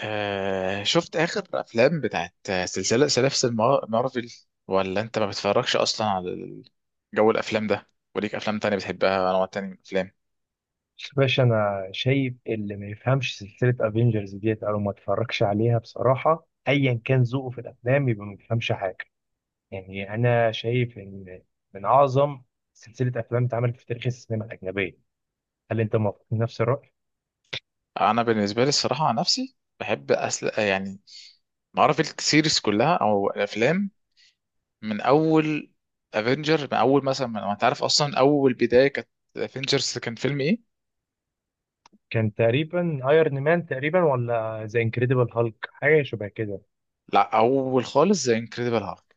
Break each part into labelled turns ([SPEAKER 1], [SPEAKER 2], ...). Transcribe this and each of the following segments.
[SPEAKER 1] آه، شفت آخر أفلام بتاعت سلاسل مارفل، ولا أنت ما بتتفرجش أصلا على جو الأفلام ده؟ وليك أفلام تانية بتحبها، أنواع تانية من الأفلام؟
[SPEAKER 2] بس باشا، انا شايف اللي ما يفهمش سلسله افنجرز ديت او ما اتفرجش عليها بصراحه، ايا كان ذوقه في الافلام يبقى ما بيفهمش حاجه. يعني انا شايف ان من اعظم سلسله افلام اتعملت في تاريخ السينما الاجنبيه. هل انت موافق نفس الراي؟
[SPEAKER 1] أنا بالنسبة لي الصراحة، عن نفسي بحب يعني مارفل سيريز كلها أو الأفلام، من أول من أول مثلا أنت عارف أصلا أول بداية كانت افنجرز، كان فيلم إيه؟
[SPEAKER 2] كان تقريبا ايرون مان، تقريبا، ولا ذا انكريدبل هالك، حاجه شبه كده.
[SPEAKER 1] لا، أول خالص زي انكريدبل هالك.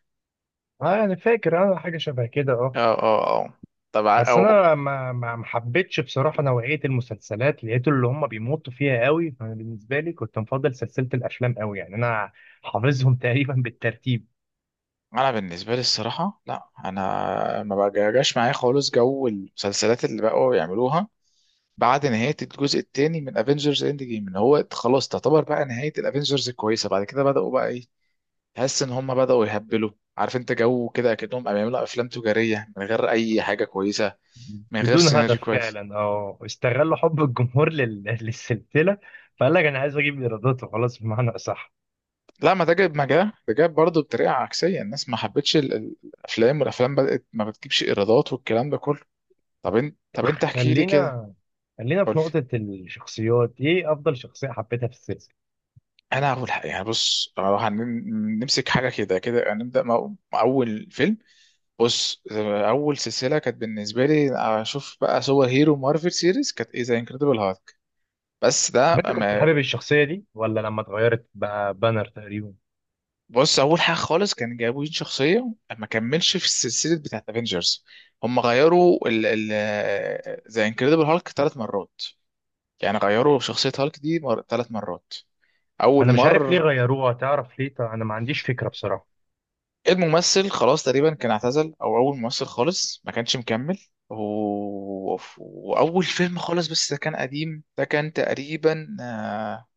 [SPEAKER 2] اه، انا فاكر، حاجه شبه كده،
[SPEAKER 1] اه،
[SPEAKER 2] اه.
[SPEAKER 1] اه، اه، طبعا.
[SPEAKER 2] بس انا ما حبيتش بصراحه نوعيه المسلسلات، لقيت اللي هم بيمطوا فيها قوي، فانا بالنسبه لي كنت مفضل سلسله الافلام قوي. يعني انا حافظهم تقريبا بالترتيب.
[SPEAKER 1] انا بالنسبه لي الصراحه لا، انا ما بجاش معايا خالص جو المسلسلات اللي بقوا يعملوها بعد نهايه الجزء الثاني من افنجرز اند جيم. ان هو خلاص تعتبر بقى نهايه الافنجرز الكويسه، بعد كده بداوا بقى ايه، تحس ان هم بداوا يهبلوا. عارف انت جو كده اكنهم بيعملوا افلام تجاريه من غير اي حاجه كويسه، من غير
[SPEAKER 2] بدون
[SPEAKER 1] سيناريو
[SPEAKER 2] هدف
[SPEAKER 1] كويس.
[SPEAKER 2] فعلا، استغلوا حب الجمهور للسلسله. فقال لك انا عايز اجيب ايرادات وخلاص، بمعنى اصح.
[SPEAKER 1] لا، ما ده جاب، ما جاب ده جاب برضه بطريقه عكسيه، الناس ما حبتش الافلام، والافلام بدات ما بتجيبش ايرادات والكلام ده كله. طب انت احكي لي كده.
[SPEAKER 2] خلينا خلينا في
[SPEAKER 1] قول.
[SPEAKER 2] نقطه الشخصيات، ايه افضل شخصيه حبيتها في السلسله؟
[SPEAKER 1] انا هقول حق. يعني بص، لو هنمسك حاجه كده كده هنبدا مع اول فيلم. بص، اول سلسله كانت بالنسبه لي اشوف بقى سوبر هيرو مارفل سيريز كانت ايه؟ زي انكريدبل هالك. بس
[SPEAKER 2] طب
[SPEAKER 1] ده
[SPEAKER 2] انت كنت
[SPEAKER 1] ما
[SPEAKER 2] حابب الشخصيه دي ولا لما اتغيرت بقى بانر تقريبا؟
[SPEAKER 1] بص، اول حاجه خالص كان جابوا شخصيه ما كملش في السلسله بتاعت افنجرز. هم غيروا ال زي انكريدبل هالك ثلاث مرات، يعني غيروا شخصيه هالك دي ثلاث مرات. اول
[SPEAKER 2] انا مش عارف ليه
[SPEAKER 1] مره
[SPEAKER 2] غيروها، تعرف ليه؟ طب انا ما عنديش فكره بصراحه.
[SPEAKER 1] الممثل خلاص تقريبا كان اعتزل، او اول ممثل خالص ما كانش مكمل و... واول فيلم خالص، بس ده كان قديم، ده كان تقريبا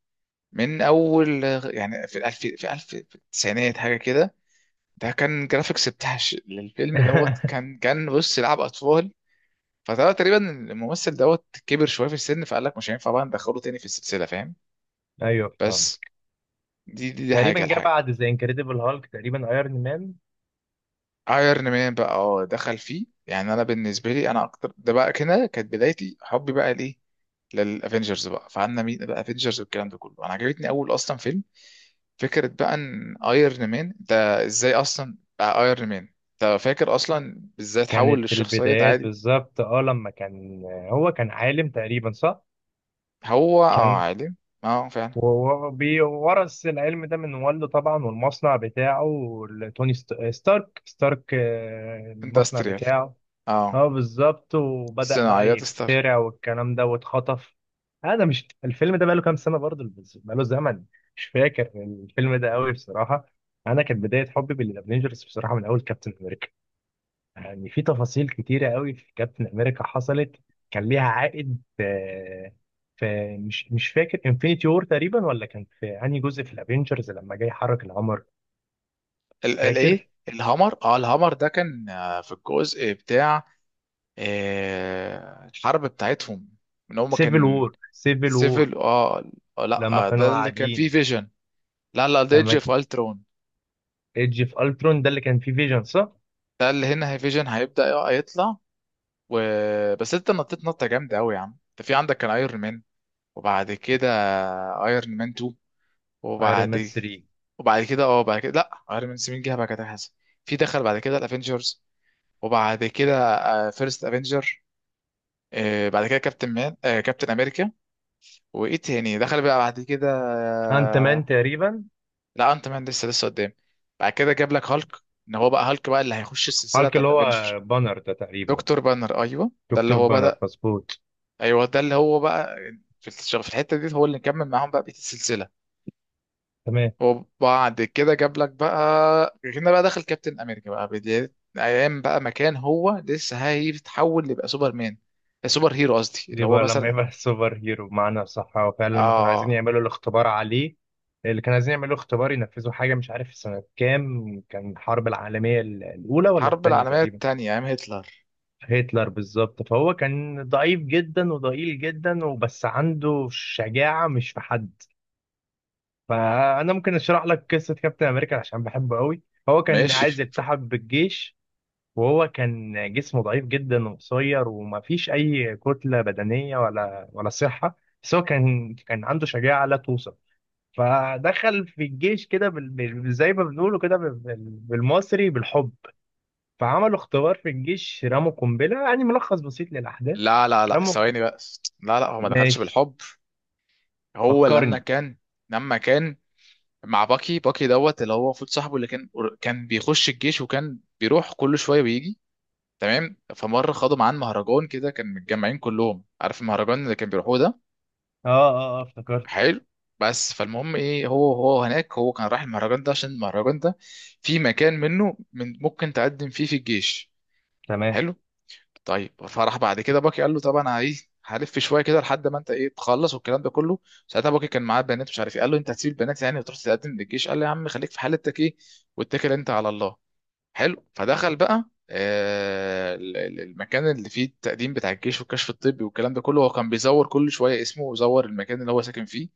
[SPEAKER 1] من اول يعني في الالف في الف في التسعينات حاجه كده. ده كان جرافيكس بتاع للفيلم دوت، كان بص، لعب اطفال. فده تقريبا الممثل دوت كبر شويه في السن، فقال لك مش هينفع بقى ندخله تاني في السلسله، فاهم؟
[SPEAKER 2] ايوه، فاهم.
[SPEAKER 1] بس دي
[SPEAKER 2] تقريبا
[SPEAKER 1] حاجه
[SPEAKER 2] جه
[SPEAKER 1] الحاجه
[SPEAKER 2] بعد ذا انكريدبل هالك، تقريبا ايرون مان.
[SPEAKER 1] ايرون مان بقى دخل فيه، يعني انا بالنسبه لي انا اكتر ده بقى كده كانت بدايتي حبي بقى ليه للافنجرز بقى، فعنا مين بقى افنجرز والكلام ده كله. انا عجبتني اول اصلا فيلم، فكره بقى ان ايرون مان ده ازاي اصلا بقى ايرون مان. انت فاكر اصلا ازاي اتحول
[SPEAKER 2] كانت
[SPEAKER 1] للشخصيه
[SPEAKER 2] البدايات
[SPEAKER 1] عادي؟
[SPEAKER 2] بالظبط، لما كان، هو كان عالم تقريبا، صح؟
[SPEAKER 1] هو اه،
[SPEAKER 2] كان
[SPEAKER 1] عالم. اه، فعلا.
[SPEAKER 2] وورث العلم ده من والده طبعا، والمصنع بتاعه، لتوني ستارك، المصنع
[SPEAKER 1] اندستريال.
[SPEAKER 2] بتاعه.
[SPEAKER 1] اه،
[SPEAKER 2] اه، بالظبط، وبدأ بقى
[SPEAKER 1] صناعيات ستار.
[SPEAKER 2] يخترع والكلام ده، واتخطف. انا مش، الفيلم ده بقاله كام سنة برضه، بس بقاله زمن. مش فاكر. الفيلم ده قوي بصراحة. انا كانت بداية حبي بالافنجرز بصراحة من اول كابتن امريكا. يعني في تفاصيل كتيرة قوي في كابتن امريكا حصلت. كان ليها عائد. في مش فاكر انفينيتي وور تقريبا، ولا كان في انهي جزء في الافنجرز لما جاي يحرك القمر.
[SPEAKER 1] الايه،
[SPEAKER 2] فاكر،
[SPEAKER 1] الهامر ده كان في الجزء بتاع آه، الحرب بتاعتهم، ان هم
[SPEAKER 2] سيفل
[SPEAKER 1] كان.
[SPEAKER 2] وور سيفل وور،
[SPEAKER 1] سيفل، اه.
[SPEAKER 2] لما
[SPEAKER 1] لا،
[SPEAKER 2] كانوا
[SPEAKER 1] ده اللي كان فيه
[SPEAKER 2] قاعدين.
[SPEAKER 1] فيجن. لا، لا، ده ايدج
[SPEAKER 2] لما
[SPEAKER 1] اوف الترون.
[SPEAKER 2] ايدج في الترون، ده اللي كان فيه فيجن صح؟
[SPEAKER 1] ده اللي هنا هي فيجن هيبدأ يطلع و... بس انت نطيت نطة جامدة قوي يا عم. انت في عندك كان ايرون مان، وبعد كده ايرون مان 2،
[SPEAKER 2] ايرون مان
[SPEAKER 1] وبعد
[SPEAKER 2] 3.
[SPEAKER 1] وبعد كده بعد كده، لا، ايرون مان 7 جه بعد كده حسن. في دخل بعد كده الافنجرز، وبعد كده فيرست افنجر، بعد كده كابتن مان آه، كابتن امريكا. وايه تاني دخل بقى بعد كده؟
[SPEAKER 2] انت مان تقريبا.
[SPEAKER 1] لا، انت مان لسه قدام. بعد كده جاب لك هالك، ان هو بقى هالك بقى اللي هيخش السلسله
[SPEAKER 2] هالك اللي
[SPEAKER 1] بتاعت افنجر.
[SPEAKER 2] هو بانر ده تقريبا.
[SPEAKER 1] دكتور بانر، ايوه، ده اللي
[SPEAKER 2] دكتور
[SPEAKER 1] هو
[SPEAKER 2] بانر،
[SPEAKER 1] بدا.
[SPEAKER 2] مظبوط.
[SPEAKER 1] ايوه، ده اللي هو بقى في الشغل، في الحته دي هو اللي كمل معاهم بقى بقيه السلسله.
[SPEAKER 2] تمام.
[SPEAKER 1] وبعد كده جاب لك بقى هنا بقى دخل كابتن امريكا بقى، بدايه ايام بقى مكان هو لسه هيتحول يبقى سوبر مان، سوبر هيرو قصدي،
[SPEAKER 2] دي
[SPEAKER 1] اللي هو
[SPEAKER 2] بقى لما
[SPEAKER 1] مثلا.
[SPEAKER 2] يبقى سوبر هيرو، بمعنى صح هو فعلا لما كانوا عايزين
[SPEAKER 1] اه.
[SPEAKER 2] يعملوا الاختبار عليه، اللي كانوا عايزين يعملوا اختبار، ينفذوا حاجه، مش عارف في سنه كام، كان الحرب العالميه الاولى ولا
[SPEAKER 1] حرب
[SPEAKER 2] الثانيه
[SPEAKER 1] العالميه
[SPEAKER 2] تقريبا.
[SPEAKER 1] الثانيه ايام هتلر.
[SPEAKER 2] هتلر، بالظبط. فهو كان ضعيف جدا وضئيل جدا، وبس عنده شجاعه مش في حد. فانا ممكن اشرح لك قصه كابتن امريكا عشان بحبه قوي. هو كان
[SPEAKER 1] ماشي.
[SPEAKER 2] عايز يلتحق بالجيش، وهو كان جسمه ضعيف جدا وقصير، وما فيش اي كتله بدنيه ولا صحه. بس هو كان عنده شجاعه لا توصف. فدخل في الجيش كده زي ما بنقوله كده بالمصري، بالحب. فعملوا اختبار في الجيش، رموا قنبله، يعني ملخص بسيط للاحداث.
[SPEAKER 1] لا، لا، لا،
[SPEAKER 2] رموا ق-
[SPEAKER 1] ثواني بقى. لا، لا، هو ما دخلش
[SPEAKER 2] ماشي،
[SPEAKER 1] بالحب. هو لما
[SPEAKER 2] فكرني.
[SPEAKER 1] كان لما كان مع باكي دوت اللي هو المفروض صاحبه، اللي كان كان بيخش الجيش وكان بيروح كل شويه ويجي. تمام، فمره خدوا معاه مهرجان كده، كان متجمعين كلهم، عارف المهرجان اللي كان بيروحوه ده.
[SPEAKER 2] اه اه اه، افتكرت.
[SPEAKER 1] حلو. بس فالمهم ايه، هو هو هناك هو كان رايح المهرجان ده عشان المهرجان ده في مكان منه من ممكن تقدم فيه في الجيش.
[SPEAKER 2] تمام.
[SPEAKER 1] حلو. طيب، فراح بعد كده باكي قال له طب انا ايه، هلف شويه كده لحد ما انت ايه تخلص والكلام ده كله. ساعتها باكي كان معاه بنات مش عارف ايه، قال له انت هتسيب البنات يعني وتروح تقدم للجيش؟ قال له يا عم خليك في حالتك ايه، واتكل انت على الله. حلو. فدخل بقى آه، المكان اللي فيه التقديم بتاع الجيش والكشف الطبي والكلام ده كله. هو كان بيزور كل شويه اسمه ويزور المكان اللي هو ساكن فيه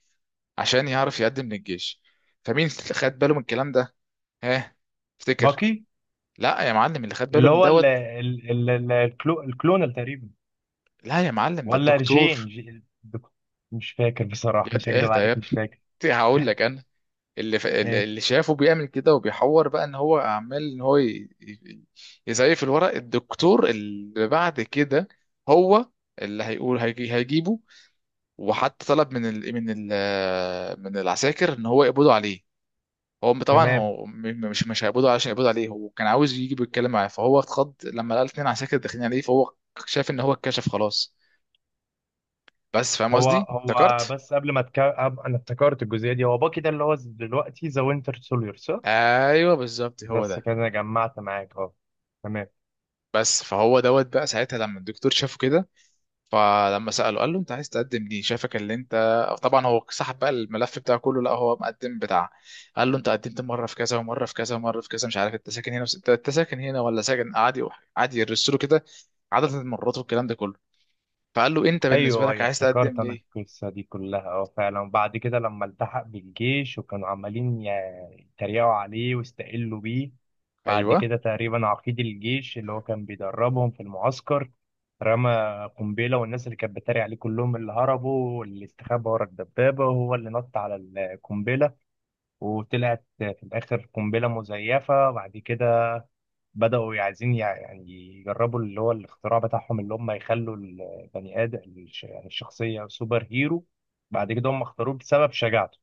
[SPEAKER 1] عشان يعرف يقدم للجيش. فمين اللي خد باله من الكلام ده؟ ها؟ افتكر.
[SPEAKER 2] باقي،
[SPEAKER 1] لا يا معلم، اللي خد باله
[SPEAKER 2] اللي
[SPEAKER 1] من
[SPEAKER 2] هو ال
[SPEAKER 1] دوت.
[SPEAKER 2] ال ال ال- الكلو الكلونال تقريبا،
[SPEAKER 1] لا يا معلم، ده
[SPEAKER 2] ولا جين
[SPEAKER 1] الدكتور.
[SPEAKER 2] جي- مش فاكر بصراحة، مش هكدب عليك،
[SPEAKER 1] اهدى،
[SPEAKER 2] مش فاكر.
[SPEAKER 1] هقول لك انا.
[SPEAKER 2] ماشي.
[SPEAKER 1] اللي شافه بيعمل كده وبيحور بقى ان هو عمال ان هو يزيف الورق، الدكتور. اللي بعد كده هو اللي هيقول، هيجيبه وحتى طلب من العساكر ان هو يقبضوا عليه. هو طبعا
[SPEAKER 2] تمام.
[SPEAKER 1] هو م- م- مش مش هيقبضوا، علشان يقبضوا عليه هو كان عاوز يجي بيتكلم معاه. فهو اتخض لما لقى اتنين عساكر داخلين عليه، فهو شاف ان هو اتكشف خلاص. بس فاهم
[SPEAKER 2] هو
[SPEAKER 1] قصدي،
[SPEAKER 2] هو
[SPEAKER 1] افتكرت.
[SPEAKER 2] بس قبل ما تك... أب- انا افتكرت الجزئية دي. هو باكي ده اللي هو دلوقتي ذا وينتر سوليور، صح؟
[SPEAKER 1] ايوه بالظبط هو
[SPEAKER 2] بس
[SPEAKER 1] ده.
[SPEAKER 2] كده أنا جمعت معاك، اه، تمام.
[SPEAKER 1] بس فهو دوت بقى ساعتها لما الدكتور شافه كده، فلما سأله قال له انت عايز تقدم ليه شايفك اللي انت. طبعا هو سحب بقى الملف بتاعه كله، لا هو مقدم بتاع. قال له انت قدمت مره في كذا ومره في كذا ومره في كذا، مش عارف انت ساكن هنا انت ساكن هنا ولا ساكن عادي، عادي يرسله كده، عدد المرات والكلام ده كله. فقال له انت بالنسبه
[SPEAKER 2] ايوه
[SPEAKER 1] لك
[SPEAKER 2] ايوه،
[SPEAKER 1] عايز
[SPEAKER 2] افتكرت
[SPEAKER 1] تقدم
[SPEAKER 2] انا
[SPEAKER 1] ليه؟
[SPEAKER 2] القصه دي كلها فعلا. وبعد كده لما التحق بالجيش، وكانوا عمالين يتريقوا عليه واستقلوا بيه. بعد
[SPEAKER 1] ايوه.
[SPEAKER 2] كده تقريبا عقيد الجيش اللي هو كان بيدربهم في المعسكر، رمى قنبله، والناس اللي كانت بتتريق عليه كلهم، اللي هربوا واللي استخبى ورا الدبابه، وهو اللي نط على القنبله. وطلعت في الاخر قنبله مزيفه. بعد كده بدأوا عايزين يعني يجربوا اللي هو الاختراع بتاعهم، اللي هم يخلوا البني آدم يعني الشخصية سوبر هيرو. بعد كده هم اختاروه بسبب شجاعته،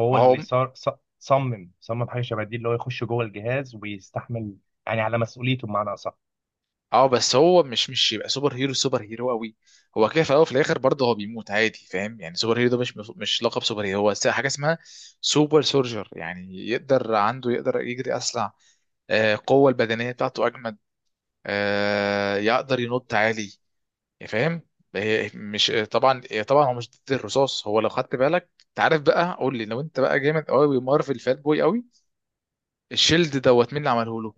[SPEAKER 2] هو
[SPEAKER 1] هو
[SPEAKER 2] اللي صار ص- صمم صمم حاجة شبه دي، اللي هو يخش جوه الجهاز ويستحمل، يعني على مسؤوليته بمعنى أصح.
[SPEAKER 1] اه، بس هو مش يبقى سوبر هيرو، سوبر هيرو قوي. هو كده في الاول وفي الاخر برضه هو بيموت عادي، فاهم؟ يعني سوبر هيرو ده مش مش لقب سوبر هيرو، هو حاجه اسمها سوبر سولجر، يعني يقدر، عنده يقدر يجري اسرع، آه، القوه البدنيه بتاعته اجمد، آه، يقدر ينط عالي، فاهم؟ مش طبعا، طبعا هو مش ضد الرصاص. هو لو خدت بالك انت عارف بقى، قول لي لو انت بقى جامد قوي مارفل فات بوي قوي، الشيلد دوت مين اللي عمله له؟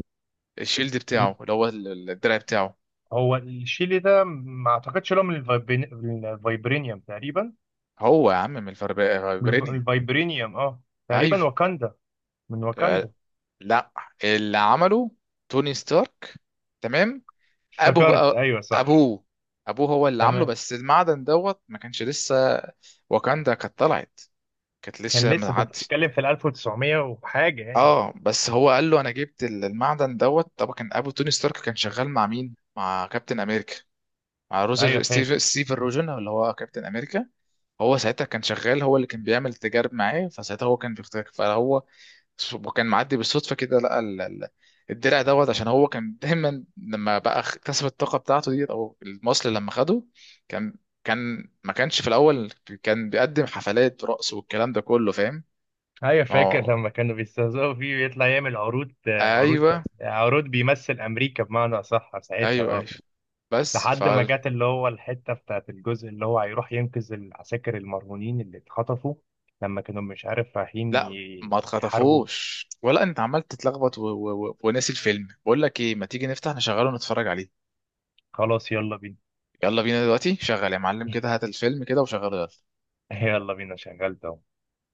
[SPEAKER 1] الشيلد
[SPEAKER 2] ال-
[SPEAKER 1] بتاعه اللي هو الدرع بتاعه.
[SPEAKER 2] هو الشيلي ده، ما اعتقدش لهم الفايبرينيوم تقريبا.
[SPEAKER 1] هو يا عم من
[SPEAKER 2] الف-
[SPEAKER 1] فبرينيا.
[SPEAKER 2] الفايبرينيوم اه، تقريبا
[SPEAKER 1] ايوه.
[SPEAKER 2] واكاندا، من
[SPEAKER 1] آه،
[SPEAKER 2] واكاندا.
[SPEAKER 1] لا، اللي عمله توني ستارك. تمام. ابو
[SPEAKER 2] افتكرت،
[SPEAKER 1] بقى
[SPEAKER 2] ايوه، صح.
[SPEAKER 1] ابوه ابوه هو اللي عامله،
[SPEAKER 2] تمام.
[SPEAKER 1] بس المعدن دوت ما كانش لسه واكاندا كانت طلعت، كانت
[SPEAKER 2] كان
[SPEAKER 1] لسه ما
[SPEAKER 2] لسه ده، انت
[SPEAKER 1] عدش.
[SPEAKER 2] بتتكلم في ال 1900 وحاجه يعني.
[SPEAKER 1] اه، بس هو قال له انا جبت المعدن دوت. طبعا كان ابو توني ستارك كان شغال مع مين؟ مع كابتن امريكا، مع
[SPEAKER 2] ايوه
[SPEAKER 1] روزر ستيف
[SPEAKER 2] فاكر،
[SPEAKER 1] ستيفن روجن اللي هو كابتن امريكا. هو ساعتها كان شغال، هو اللي كان بيعمل تجارب معاه، فساعتها هو كان بيختار، فهو وكان معدي بالصدفه كده لقى الدرع دوت. عشان هو كان دايما لما بقى اكتسب الطاقه بتاعته ديت او المصل لما خده، كان ما كانش في الاول، كان بيقدم حفلات رقص والكلام ده كله، فاهم؟
[SPEAKER 2] ايوه
[SPEAKER 1] ما
[SPEAKER 2] فاكر
[SPEAKER 1] هو،
[SPEAKER 2] لما كانوا بيستهزئوا فيه، ويطلع يعمل عروض عروض
[SPEAKER 1] ايوه.
[SPEAKER 2] عروض، بيمثل امريكا بمعنى اصح ساعتها،
[SPEAKER 1] ايوه،
[SPEAKER 2] اه.
[SPEAKER 1] ايوه، بس.
[SPEAKER 2] لحد ما جت اللي هو الحته بتاعت الجزء اللي هو هيروح ينقذ العساكر المرهونين اللي اتخطفوا، لما كانوا مش عارف رايحين
[SPEAKER 1] لا، ما
[SPEAKER 2] يحاربوا.
[SPEAKER 1] اتخطفوش، ولا انت عمال تتلخبط وناسي الفيلم، بقول لك ايه، ما تيجي نفتح نشغله ونتفرج عليه.
[SPEAKER 2] خلاص، يلا بينا.
[SPEAKER 1] يلا بينا، دلوقتي شغل يا معلم كده، هات الفيلم كده وشغله، يلا.
[SPEAKER 2] يلا بينا شغلت.